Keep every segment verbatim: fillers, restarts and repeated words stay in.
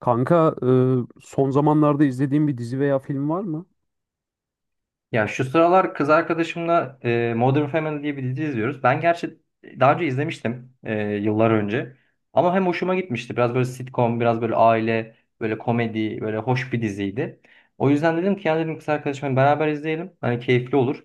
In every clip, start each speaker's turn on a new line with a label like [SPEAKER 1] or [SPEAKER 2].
[SPEAKER 1] Kanka, e, son zamanlarda izlediğim bir dizi veya film var mı?
[SPEAKER 2] Ya şu sıralar kız arkadaşımla e, Modern Family diye bir dizi izliyoruz. Ben gerçi daha önce izlemiştim, e, yıllar önce. Ama hem hoşuma gitmişti. Biraz böyle sitcom, biraz böyle aile, böyle komedi, böyle hoş bir diziydi. O yüzden dedim ki ya, dedim, kız arkadaşımla beraber izleyelim. Hani keyifli olur.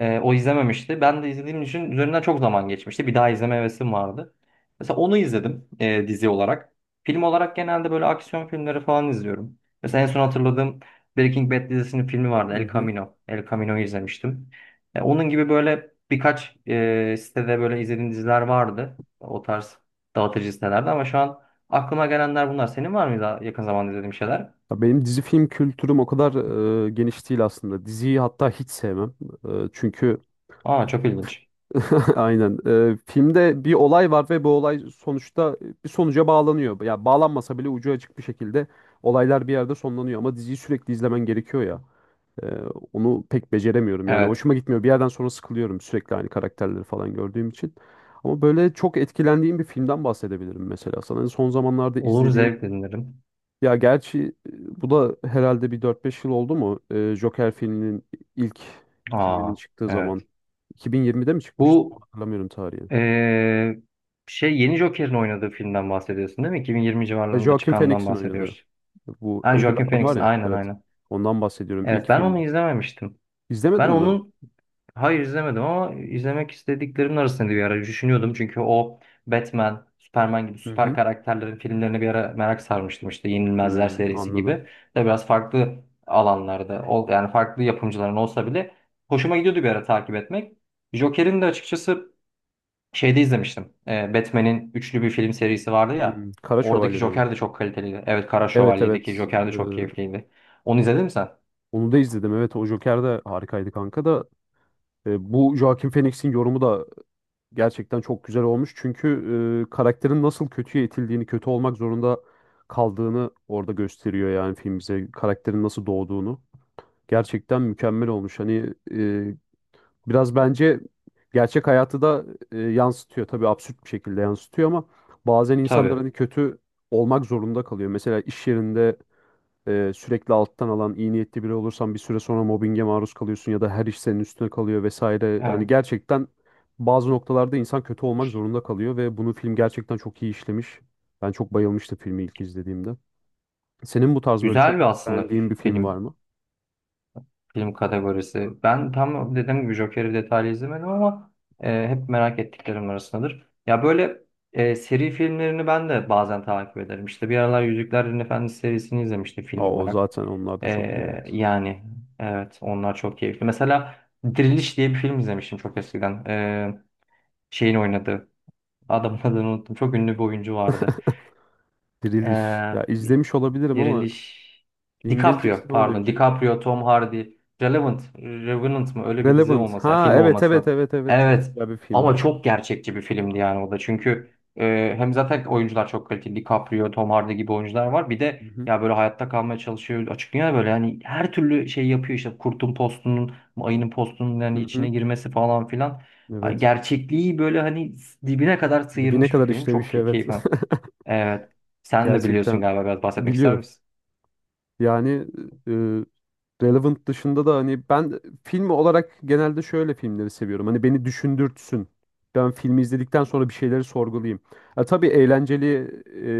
[SPEAKER 2] E, o izlememişti. Ben de izlediğim için üzerinden çok zaman geçmişti. Bir daha izleme hevesim vardı. Mesela onu izledim, e, dizi olarak. Film olarak genelde böyle aksiyon filmleri falan izliyorum. Mesela en son hatırladığım, Breaking Bad dizisinin filmi vardı,
[SPEAKER 1] Hı
[SPEAKER 2] El
[SPEAKER 1] hı.
[SPEAKER 2] Camino. El Camino'yu izlemiştim. E, onun gibi böyle birkaç e, sitede böyle izlediğim diziler vardı. O tarz dağıtıcı sitelerde, ama şu an aklıma gelenler bunlar. Senin var mıydı yakın zamanda izlediğim şeyler?
[SPEAKER 1] Ya benim dizi film kültürüm o kadar e, geniş değil aslında. Diziyi hatta hiç sevmem. E, çünkü
[SPEAKER 2] Aa, çok ilginç.
[SPEAKER 1] aynen, e, filmde bir olay var ve bu olay sonuçta bir sonuca bağlanıyor. Ya bağlanmasa bile ucu açık bir şekilde olaylar bir yerde sonlanıyor ama diziyi sürekli izlemen gerekiyor ya. Ee, onu pek beceremiyorum. Yani
[SPEAKER 2] Evet.
[SPEAKER 1] hoşuma gitmiyor. Bir yerden sonra sıkılıyorum sürekli aynı karakterleri falan gördüğüm için. Ama böyle çok etkilendiğim bir filmden bahsedebilirim mesela sana. Son zamanlarda
[SPEAKER 2] Olur,
[SPEAKER 1] izlediğim,
[SPEAKER 2] zevkle dinlerim.
[SPEAKER 1] ya gerçi e, bu da herhalde bir dört beş yıl oldu mu? Ee, Joker filminin ilk filminin
[SPEAKER 2] Aa,
[SPEAKER 1] çıktığı zaman
[SPEAKER 2] evet.
[SPEAKER 1] iki bin yirmide mi çıkmıştı?
[SPEAKER 2] Bu
[SPEAKER 1] Tam hatırlamıyorum tarihini.
[SPEAKER 2] e, şey yeni Joker'in oynadığı filmden bahsediyorsun değil mi? iki bin yirmi
[SPEAKER 1] Ve
[SPEAKER 2] civarlarında
[SPEAKER 1] Joaquin
[SPEAKER 2] çıkandan
[SPEAKER 1] Phoenix'in oynadığı
[SPEAKER 2] bahsediyoruz.
[SPEAKER 1] bu
[SPEAKER 2] Ha,
[SPEAKER 1] ödül
[SPEAKER 2] Joaquin
[SPEAKER 1] adam var
[SPEAKER 2] Phoenix'in,
[SPEAKER 1] ya,
[SPEAKER 2] aynen
[SPEAKER 1] evet.
[SPEAKER 2] aynen.
[SPEAKER 1] Ondan bahsediyorum,
[SPEAKER 2] Evet,
[SPEAKER 1] ilk
[SPEAKER 2] ben onu
[SPEAKER 1] filmi.
[SPEAKER 2] izlememiştim. Ben
[SPEAKER 1] İzlemedin mi?
[SPEAKER 2] onun Hayır, izlemedim, ama izlemek istediklerimin arasında bir ara düşünüyordum. Çünkü o Batman, Superman gibi
[SPEAKER 1] Hı
[SPEAKER 2] süper
[SPEAKER 1] hı.
[SPEAKER 2] karakterlerin filmlerine bir ara merak sarmıştım. İşte Yenilmezler
[SPEAKER 1] Hmm,
[SPEAKER 2] serisi gibi.
[SPEAKER 1] anladım.
[SPEAKER 2] De biraz farklı alanlarda, ol- yani farklı yapımcıların olsa bile hoşuma gidiyordu bir ara takip etmek. Joker'in de açıkçası şeyde izlemiştim. Ee, Batman'in üçlü bir film serisi vardı ya.
[SPEAKER 1] Hmm, Kara
[SPEAKER 2] Oradaki
[SPEAKER 1] Şövalye'de mi?
[SPEAKER 2] Joker de çok kaliteliydi. Evet, Kara
[SPEAKER 1] Evet,
[SPEAKER 2] Şövalye'deki
[SPEAKER 1] evet.
[SPEAKER 2] Joker de
[SPEAKER 1] Ee,
[SPEAKER 2] çok keyifliydi. Onu izledin mi sen?
[SPEAKER 1] onu da izledim. Evet, o Joker de harikaydı kanka da. Ee, bu Joaquin Phoenix'in yorumu da gerçekten çok güzel olmuş. Çünkü e, karakterin nasıl kötüye itildiğini, kötü olmak zorunda kaldığını orada gösteriyor, yani film bize. Karakterin nasıl doğduğunu. Gerçekten mükemmel olmuş. Hani e, biraz bence gerçek hayatı da e, yansıtıyor. Tabii absürt bir şekilde yansıtıyor ama bazen
[SPEAKER 2] Tabii.
[SPEAKER 1] insanların kötü olmak zorunda kalıyor. Mesela iş yerinde e, sürekli alttan alan iyi niyetli biri olursan bir süre sonra mobbinge maruz kalıyorsun ya da her iş senin üstüne kalıyor vesaire. Yani
[SPEAKER 2] Evet.
[SPEAKER 1] gerçekten bazı noktalarda insan kötü olmak zorunda kalıyor ve bunu film gerçekten çok iyi işlemiş. Ben çok bayılmıştım filmi ilk izlediğimde. Senin bu tarz böyle
[SPEAKER 2] Güzel
[SPEAKER 1] çok
[SPEAKER 2] bir aslında
[SPEAKER 1] beğendiğin bir film var
[SPEAKER 2] film.
[SPEAKER 1] mı?
[SPEAKER 2] Film kategorisi. Ben tam dediğim gibi Joker'i detaylı izlemedim ama e, hep merak ettiklerim arasındadır. Ya böyle e, seri filmlerini ben de bazen takip ederim. İşte bir aralar Yüzüklerin Efendisi serisini izlemiştim film
[SPEAKER 1] Aa, o
[SPEAKER 2] olarak.
[SPEAKER 1] zaten, onlar da
[SPEAKER 2] E,
[SPEAKER 1] çok iyi, evet.
[SPEAKER 2] yani, evet, onlar çok keyifli. Mesela Diriliş diye bir film izlemiştim çok eskiden. E, şeyin oynadığı. Adamın adını unuttum. Çok ünlü bir oyuncu vardı.
[SPEAKER 1] Diriliş. Ya
[SPEAKER 2] E,
[SPEAKER 1] izlemiş olabilirim ama
[SPEAKER 2] Diriliş.
[SPEAKER 1] İngilizcesi
[SPEAKER 2] DiCaprio,
[SPEAKER 1] ne oluyor
[SPEAKER 2] pardon.
[SPEAKER 1] Cü?
[SPEAKER 2] DiCaprio, Tom Hardy. Relevant. Revenant mı? Öyle bir dizi
[SPEAKER 1] Relevant.
[SPEAKER 2] olması. Yani
[SPEAKER 1] Ha
[SPEAKER 2] film
[SPEAKER 1] evet,
[SPEAKER 2] olması
[SPEAKER 1] evet,
[SPEAKER 2] lazım.
[SPEAKER 1] evet, evet, çok
[SPEAKER 2] Evet.
[SPEAKER 1] güzel bir film o
[SPEAKER 2] Ama
[SPEAKER 1] da.
[SPEAKER 2] çok gerçekçi bir filmdi yani o da.
[SPEAKER 1] Hı hı.
[SPEAKER 2] Çünkü e, hem zaten oyuncular çok kaliteli. DiCaprio, Tom Hardy gibi oyuncular var. Bir de
[SPEAKER 1] Hı hı.
[SPEAKER 2] ya böyle hayatta kalmaya çalışıyor. Açıklıyor ya böyle, yani her türlü şey yapıyor işte. Kurtun postunun, ayının postunun
[SPEAKER 1] Hı
[SPEAKER 2] yani içine
[SPEAKER 1] hı.
[SPEAKER 2] girmesi falan filan. Hani
[SPEAKER 1] Evet.
[SPEAKER 2] gerçekliği böyle hani dibine kadar
[SPEAKER 1] Dibine
[SPEAKER 2] sıyırmış bir
[SPEAKER 1] kadar
[SPEAKER 2] film. Çok
[SPEAKER 1] işlemiş,
[SPEAKER 2] key-
[SPEAKER 1] evet.
[SPEAKER 2] keyif. Evet. Sen de biliyorsun
[SPEAKER 1] Gerçekten
[SPEAKER 2] galiba, biraz bahsetmek ister
[SPEAKER 1] biliyorum.
[SPEAKER 2] misin?
[SPEAKER 1] Yani, e, Relevant dışında da hani ben film olarak genelde şöyle filmleri seviyorum. Hani beni düşündürtsün. Ben filmi izledikten sonra bir şeyleri sorgulayayım. Ha, tabii eğlenceli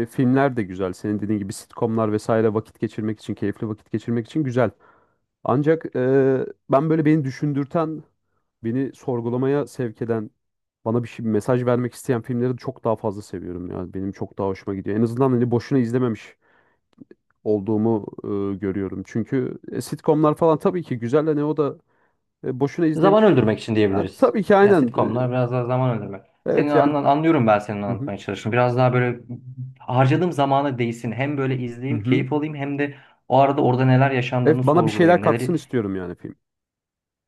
[SPEAKER 1] e, filmler de güzel. Senin dediğin gibi sitcomlar vesaire vakit geçirmek için, keyifli vakit geçirmek için güzel. Ancak e, ben böyle beni düşündürten, beni sorgulamaya sevk eden, bana bir şey, mesaj vermek isteyen filmleri çok daha fazla seviyorum ya. Benim çok daha hoşuma gidiyor. En azından hani boşuna izlememiş olduğumu e, görüyorum. Çünkü e, sitcomlar falan tabii ki güzel de ne o da e, boşuna
[SPEAKER 2] Zaman
[SPEAKER 1] izlemiş.
[SPEAKER 2] öldürmek için
[SPEAKER 1] Ha,
[SPEAKER 2] diyebiliriz.
[SPEAKER 1] tabii ki
[SPEAKER 2] Ya
[SPEAKER 1] aynen. E,
[SPEAKER 2] sitcomlar biraz daha zaman öldürmek. Senin
[SPEAKER 1] evet yani.
[SPEAKER 2] anla- anlıyorum ben senin
[SPEAKER 1] Hı hı.
[SPEAKER 2] anlatmaya çalıştığını. Biraz daha böyle harcadığım zamana değsin. Hem böyle
[SPEAKER 1] Hı
[SPEAKER 2] izleyeyim,
[SPEAKER 1] hı.
[SPEAKER 2] keyif alayım hem de o arada orada neler yaşandığını
[SPEAKER 1] Evet, bana bir şeyler
[SPEAKER 2] sorgulayayım.
[SPEAKER 1] katsın
[SPEAKER 2] Neleri
[SPEAKER 1] istiyorum yani film.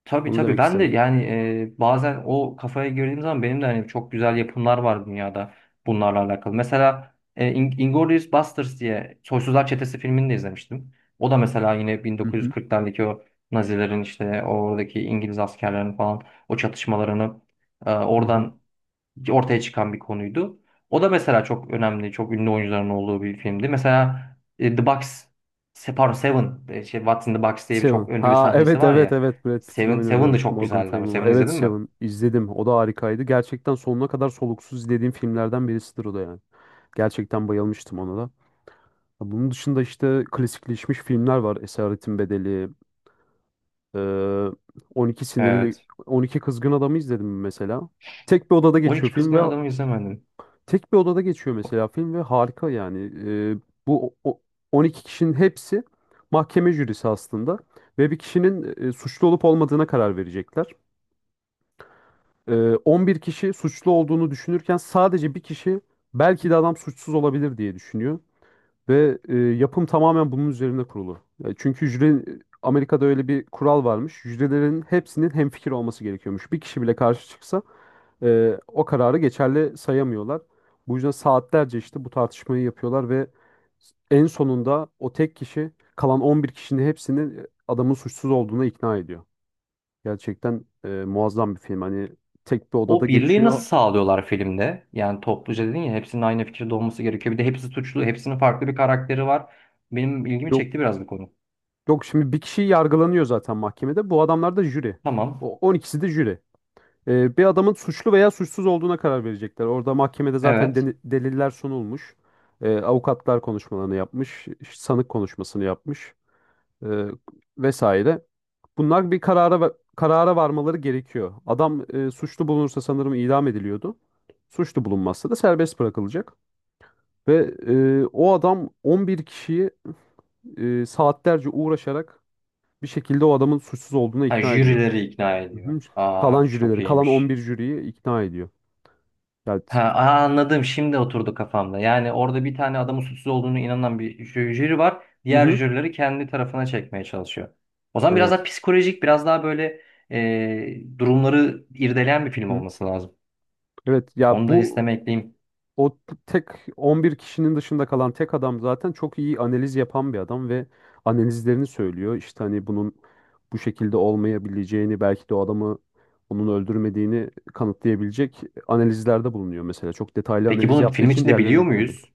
[SPEAKER 2] Tabii
[SPEAKER 1] Onu
[SPEAKER 2] tabii
[SPEAKER 1] demek
[SPEAKER 2] ben de
[SPEAKER 1] istedim.
[SPEAKER 2] yani e, bazen o kafaya girdiğim zaman benim de hani çok güzel yapımlar var dünyada bunlarla alakalı. Mesela e, In- Inglourious Basterds diye, Soysuzlar Çetesi filmini de izlemiştim. O da mesela yine
[SPEAKER 1] Hı hı.
[SPEAKER 2] bin dokuz yüz kırklardaki o Nazilerin, işte oradaki İngiliz askerlerinin falan o çatışmalarını, e,
[SPEAKER 1] Hı hı.
[SPEAKER 2] oradan ortaya çıkan bir konuydu. O da mesela çok önemli, çok ünlü oyuncuların olduğu bir filmdi. Mesela e, The Box, se- pardon, Seven, e, şey, What's in the Box diye bir çok
[SPEAKER 1] Seven.
[SPEAKER 2] ünlü bir
[SPEAKER 1] Ha
[SPEAKER 2] sahnesi
[SPEAKER 1] evet,
[SPEAKER 2] var
[SPEAKER 1] evet,
[SPEAKER 2] ya.
[SPEAKER 1] evet, Brad Pitt'in
[SPEAKER 2] Seven, Seven
[SPEAKER 1] oynadığı,
[SPEAKER 2] de çok
[SPEAKER 1] Morgan
[SPEAKER 2] güzeldi ama
[SPEAKER 1] Freeman var.
[SPEAKER 2] Seven
[SPEAKER 1] Evet,
[SPEAKER 2] izledin mi?
[SPEAKER 1] Seven izledim. O da harikaydı. Gerçekten sonuna kadar soluksuz izlediğim filmlerden birisidir o da yani. Gerçekten bayılmıştım ona da. Bunun dışında işte klasikleşmiş filmler var. Esaretin Bedeli, Ee, on iki sinirli,
[SPEAKER 2] Evet.
[SPEAKER 1] on iki kızgın adamı izledim mesela. Tek bir odada
[SPEAKER 2] On
[SPEAKER 1] geçiyor
[SPEAKER 2] iki
[SPEAKER 1] film
[SPEAKER 2] Kızgın
[SPEAKER 1] ve
[SPEAKER 2] Adamı izlemedim.
[SPEAKER 1] tek bir odada geçiyor mesela film ve harika yani. Ee, bu o- o- on iki kişinin hepsi mahkeme jürisi aslında ve bir kişinin e, suçlu olup olmadığına karar verecekler. Ee, on bir kişi suçlu olduğunu düşünürken sadece bir kişi belki de adam suçsuz olabilir diye düşünüyor. Ve e, yapım tamamen bunun üzerine kurulu. E, çünkü jüri, Amerika'da öyle bir kural varmış. Jürilerin hepsinin hemfikir olması gerekiyormuş. Bir kişi bile karşı çıksa e, o kararı geçerli sayamıyorlar. Bu yüzden saatlerce işte bu tartışmayı yapıyorlar ve en sonunda o tek kişi kalan on bir kişinin hepsini e, adamın suçsuz olduğuna ikna ediyor. Gerçekten e, muazzam bir film. Hani tek bir odada
[SPEAKER 2] O birliği nasıl
[SPEAKER 1] geçiyor.
[SPEAKER 2] sağlıyorlar filmde? Yani topluca dedin ya hepsinin aynı fikirde olması gerekiyor. Bir de hepsi suçlu, hepsinin farklı bir karakteri var. Benim ilgimi
[SPEAKER 1] Yok
[SPEAKER 2] çekti biraz bu konu.
[SPEAKER 1] yok, şimdi bir kişi yargılanıyor zaten mahkemede. Bu adamlar da jüri.
[SPEAKER 2] Tamam.
[SPEAKER 1] O on ikisi de jüri. Ee, bir adamın suçlu veya suçsuz olduğuna karar verecekler. Orada mahkemede zaten
[SPEAKER 2] Evet.
[SPEAKER 1] deni- deliller sunulmuş. Ee, avukatlar konuşmalarını yapmış, sanık konuşmasını yapmış, ee, vesaire. Bunlar bir karara va- karara varmaları gerekiyor. Adam e, suçlu bulunursa sanırım idam ediliyordu. Suçlu bulunmazsa da serbest bırakılacak. Ve e, o adam on bir kişiyi e, saatlerce uğraşarak bir şekilde o adamın suçsuz olduğuna
[SPEAKER 2] Ha,
[SPEAKER 1] ikna ediyor.
[SPEAKER 2] jürileri ikna
[SPEAKER 1] Hı
[SPEAKER 2] ediyor.
[SPEAKER 1] hı.
[SPEAKER 2] Aa
[SPEAKER 1] Kalan
[SPEAKER 2] çok
[SPEAKER 1] jürileri, kalan
[SPEAKER 2] iyiymiş.
[SPEAKER 1] on bir jüriyi ikna ediyor. Yani
[SPEAKER 2] Ha, aa, anladım. Şimdi oturdu kafamda. Yani orada bir tane adamın suçsuz olduğunu inanan bir jü- jüri var.
[SPEAKER 1] Hı
[SPEAKER 2] Diğer
[SPEAKER 1] hı.
[SPEAKER 2] jürileri kendi tarafına çekmeye çalışıyor. O zaman biraz daha
[SPEAKER 1] Evet.
[SPEAKER 2] psikolojik, biraz daha böyle e, durumları irdeleyen bir
[SPEAKER 1] Hı
[SPEAKER 2] film
[SPEAKER 1] hı.
[SPEAKER 2] olması lazım.
[SPEAKER 1] Evet ya,
[SPEAKER 2] Onu da
[SPEAKER 1] bu
[SPEAKER 2] listeme ekleyeyim.
[SPEAKER 1] o tek on bir kişinin dışında kalan tek adam zaten çok iyi analiz yapan bir adam ve analizlerini söylüyor. İşte hani bunun bu şekilde olmayabileceğini, belki de o adamı, onun öldürmediğini kanıtlayabilecek analizlerde bulunuyor mesela. Çok detaylı
[SPEAKER 2] Peki
[SPEAKER 1] analiz
[SPEAKER 2] bunu
[SPEAKER 1] yaptığı
[SPEAKER 2] film
[SPEAKER 1] için
[SPEAKER 2] içinde
[SPEAKER 1] diğerlerine de
[SPEAKER 2] biliyor
[SPEAKER 1] ikna ediyorum.
[SPEAKER 2] muyuz?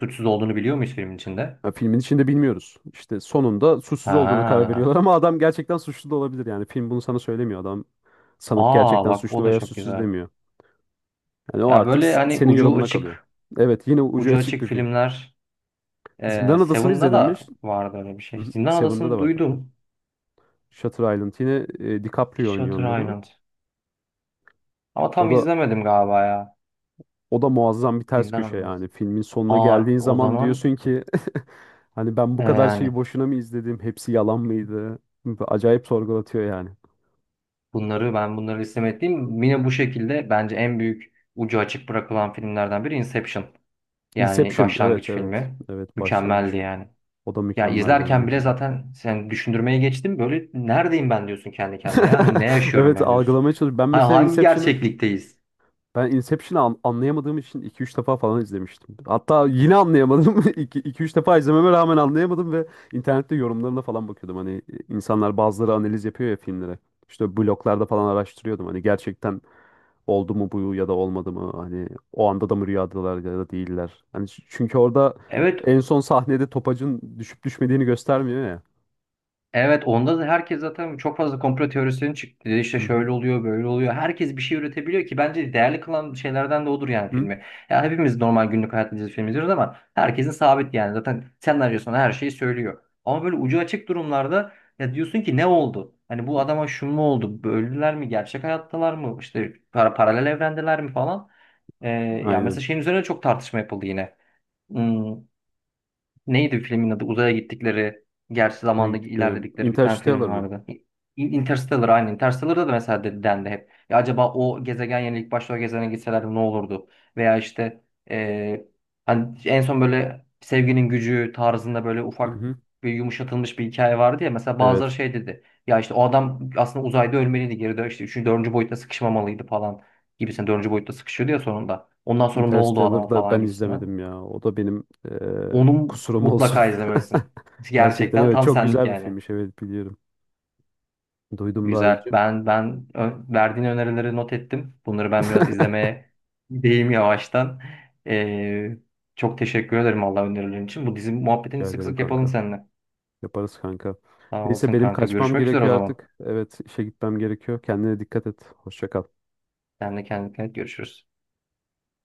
[SPEAKER 2] Suçsuz olduğunu biliyor muyuz filmin içinde?
[SPEAKER 1] Ya filmin içinde bilmiyoruz. İşte sonunda suçsuz olduğuna karar
[SPEAKER 2] Ha.
[SPEAKER 1] veriyorlar ama adam gerçekten suçlu da olabilir yani. Film bunu sana söylemiyor. Adam, sanık
[SPEAKER 2] Aa
[SPEAKER 1] gerçekten
[SPEAKER 2] bak, o
[SPEAKER 1] suçlu
[SPEAKER 2] da
[SPEAKER 1] veya
[SPEAKER 2] çok
[SPEAKER 1] suçsuz
[SPEAKER 2] güzel.
[SPEAKER 1] demiyor. Yani o
[SPEAKER 2] Ya
[SPEAKER 1] artık
[SPEAKER 2] böyle
[SPEAKER 1] s-
[SPEAKER 2] hani
[SPEAKER 1] senin
[SPEAKER 2] ucu
[SPEAKER 1] yorumuna kalıyor.
[SPEAKER 2] açık,
[SPEAKER 1] Evet, yine ucu
[SPEAKER 2] ucu
[SPEAKER 1] açık
[SPEAKER 2] açık
[SPEAKER 1] bir film.
[SPEAKER 2] filmler. E,
[SPEAKER 1] Zindan Adası'nı
[SPEAKER 2] Seven'da
[SPEAKER 1] izledin mi?
[SPEAKER 2] da
[SPEAKER 1] Ş-
[SPEAKER 2] vardı öyle bir
[SPEAKER 1] Hı
[SPEAKER 2] şey.
[SPEAKER 1] hı,
[SPEAKER 2] Zindan
[SPEAKER 1] Seven'da
[SPEAKER 2] Adası'nı
[SPEAKER 1] da var hatta.
[SPEAKER 2] duydum.
[SPEAKER 1] Shutter Island, yine e, DiCaprio oynuyor
[SPEAKER 2] Shutter
[SPEAKER 1] onda da.
[SPEAKER 2] Island. Ama
[SPEAKER 1] O
[SPEAKER 2] tam
[SPEAKER 1] da
[SPEAKER 2] izlemedim galiba ya.
[SPEAKER 1] o da muazzam bir ters
[SPEAKER 2] Zindan
[SPEAKER 1] köşe
[SPEAKER 2] Adası.
[SPEAKER 1] yani. Filmin sonuna
[SPEAKER 2] Aa,
[SPEAKER 1] geldiğin
[SPEAKER 2] o
[SPEAKER 1] zaman
[SPEAKER 2] zaman
[SPEAKER 1] diyorsun ki hani ben
[SPEAKER 2] e,
[SPEAKER 1] bu kadar
[SPEAKER 2] yani,
[SPEAKER 1] şeyi boşuna mı izledim? Hepsi yalan mıydı? Acayip sorgulatıyor yani.
[SPEAKER 2] bunları ben bunları istemediğim yine bu şekilde, bence en büyük ucu açık bırakılan filmlerden biri Inception. Yani
[SPEAKER 1] Inception, evet
[SPEAKER 2] başlangıç
[SPEAKER 1] evet.
[SPEAKER 2] filmi.
[SPEAKER 1] Evet, başlangıç.
[SPEAKER 2] Mükemmeldi yani.
[SPEAKER 1] O da
[SPEAKER 2] Ya
[SPEAKER 1] mükemmeldi, onu da
[SPEAKER 2] izlerken bile
[SPEAKER 1] izledim.
[SPEAKER 2] zaten sen düşündürmeye geçtim. Böyle neredeyim ben diyorsun kendi kendine ya. Hani ne yaşıyorum
[SPEAKER 1] Evet,
[SPEAKER 2] ben diyorsun.
[SPEAKER 1] algılamaya çalışıyorum. Ben
[SPEAKER 2] Ha,
[SPEAKER 1] mesela
[SPEAKER 2] hangi
[SPEAKER 1] Inception'ı
[SPEAKER 2] gerçeklikteyiz?
[SPEAKER 1] Ben Inception'ı an- anlayamadığım için iki üç defa falan izlemiştim. Hatta yine anlayamadım. iki üç defa izlememe rağmen anlayamadım ve internette yorumlarına falan bakıyordum. Hani e, insanlar, bazıları analiz yapıyor ya filmlere. İşte bloglarda falan araştırıyordum. Hani gerçekten oldu mu bu ya da olmadı mı? Hani o anda da mı rüyadalar ya da değiller? Hani ç- çünkü orada
[SPEAKER 2] Evet.
[SPEAKER 1] en son sahnede topacın düşüp düşmediğini göstermiyor ya.
[SPEAKER 2] Evet, onda da herkes zaten çok fazla komplo teorisinin çıktı. İşte
[SPEAKER 1] Hı hı.
[SPEAKER 2] şöyle oluyor, böyle oluyor. Herkes bir şey üretebiliyor ki bence değerli kılan şeylerden de odur yani,
[SPEAKER 1] Hı.
[SPEAKER 2] filmi. Ya hepimiz normal günlük hayatımızda film izliyoruz ama herkesin sabit yani. Zaten senaryosuna her şeyi söylüyor. Ama böyle ucu açık durumlarda ya diyorsun ki, ne oldu? Hani bu adama şu mu oldu? Öldüler mi? Gerçek hayattalar mı? İşte para paralel evrendeler mi falan. Ee, ya mesela
[SPEAKER 1] Aynen.
[SPEAKER 2] şeyin üzerine çok tartışma yapıldı yine. Hmm. Neydi filmin adı? Uzaya gittikleri, gerçi
[SPEAKER 1] Oraya
[SPEAKER 2] zamanda
[SPEAKER 1] gittik,
[SPEAKER 2] ilerledikleri bir tane film
[SPEAKER 1] Interstellar mı?
[SPEAKER 2] vardı. İn- Interstellar, aynı. Interstellar'da da mesela de- dendi hep. Ya acaba o gezegen yerine ilk başta o gezegene gitselerdi ne olurdu? Veya işte, eee, hani en son böyle sevginin gücü tarzında böyle
[SPEAKER 1] Hı
[SPEAKER 2] ufak
[SPEAKER 1] hı.
[SPEAKER 2] bir yumuşatılmış bir hikaye vardı ya. Mesela bazıları
[SPEAKER 1] Evet.
[SPEAKER 2] şey dedi. Ya işte o adam aslında uzayda ölmeliydi. Geri dön, işte üçüncü dördüncü boyutta sıkışmamalıydı falan gibisinden. Dördüncü boyutta sıkışıyordu ya sonunda. Ondan sonra ne oldu o adama
[SPEAKER 1] Interstellar'da
[SPEAKER 2] falan
[SPEAKER 1] ben
[SPEAKER 2] gibisinden.
[SPEAKER 1] izlemedim ya. O da benim eee,
[SPEAKER 2] Onu
[SPEAKER 1] kusurum olsun.
[SPEAKER 2] mutlaka izlemelisin.
[SPEAKER 1] Gerçekten,
[SPEAKER 2] Gerçekten
[SPEAKER 1] evet,
[SPEAKER 2] tam
[SPEAKER 1] çok
[SPEAKER 2] senlik
[SPEAKER 1] güzel bir
[SPEAKER 2] yani.
[SPEAKER 1] filmmiş. Evet, biliyorum. Duydum daha
[SPEAKER 2] Güzel.
[SPEAKER 1] önce.
[SPEAKER 2] Ben ben ö- verdiğin önerileri not ettim. Bunları ben biraz izlemeye gideyim yavaştan. Ee, çok teşekkür ederim Allah önerilerin için. Bu dizi muhabbetini
[SPEAKER 1] Rica
[SPEAKER 2] sık
[SPEAKER 1] ederim
[SPEAKER 2] sık yapalım
[SPEAKER 1] kanka.
[SPEAKER 2] seninle.
[SPEAKER 1] Yaparız kanka.
[SPEAKER 2] Sağ
[SPEAKER 1] Neyse,
[SPEAKER 2] olasın
[SPEAKER 1] benim
[SPEAKER 2] kanka.
[SPEAKER 1] kaçmam
[SPEAKER 2] Görüşmek üzere o
[SPEAKER 1] gerekiyor
[SPEAKER 2] zaman.
[SPEAKER 1] artık. Evet, işe gitmem gerekiyor. Kendine dikkat et. Hoşça kal.
[SPEAKER 2] Sen de kendine dikkat et. Görüşürüz.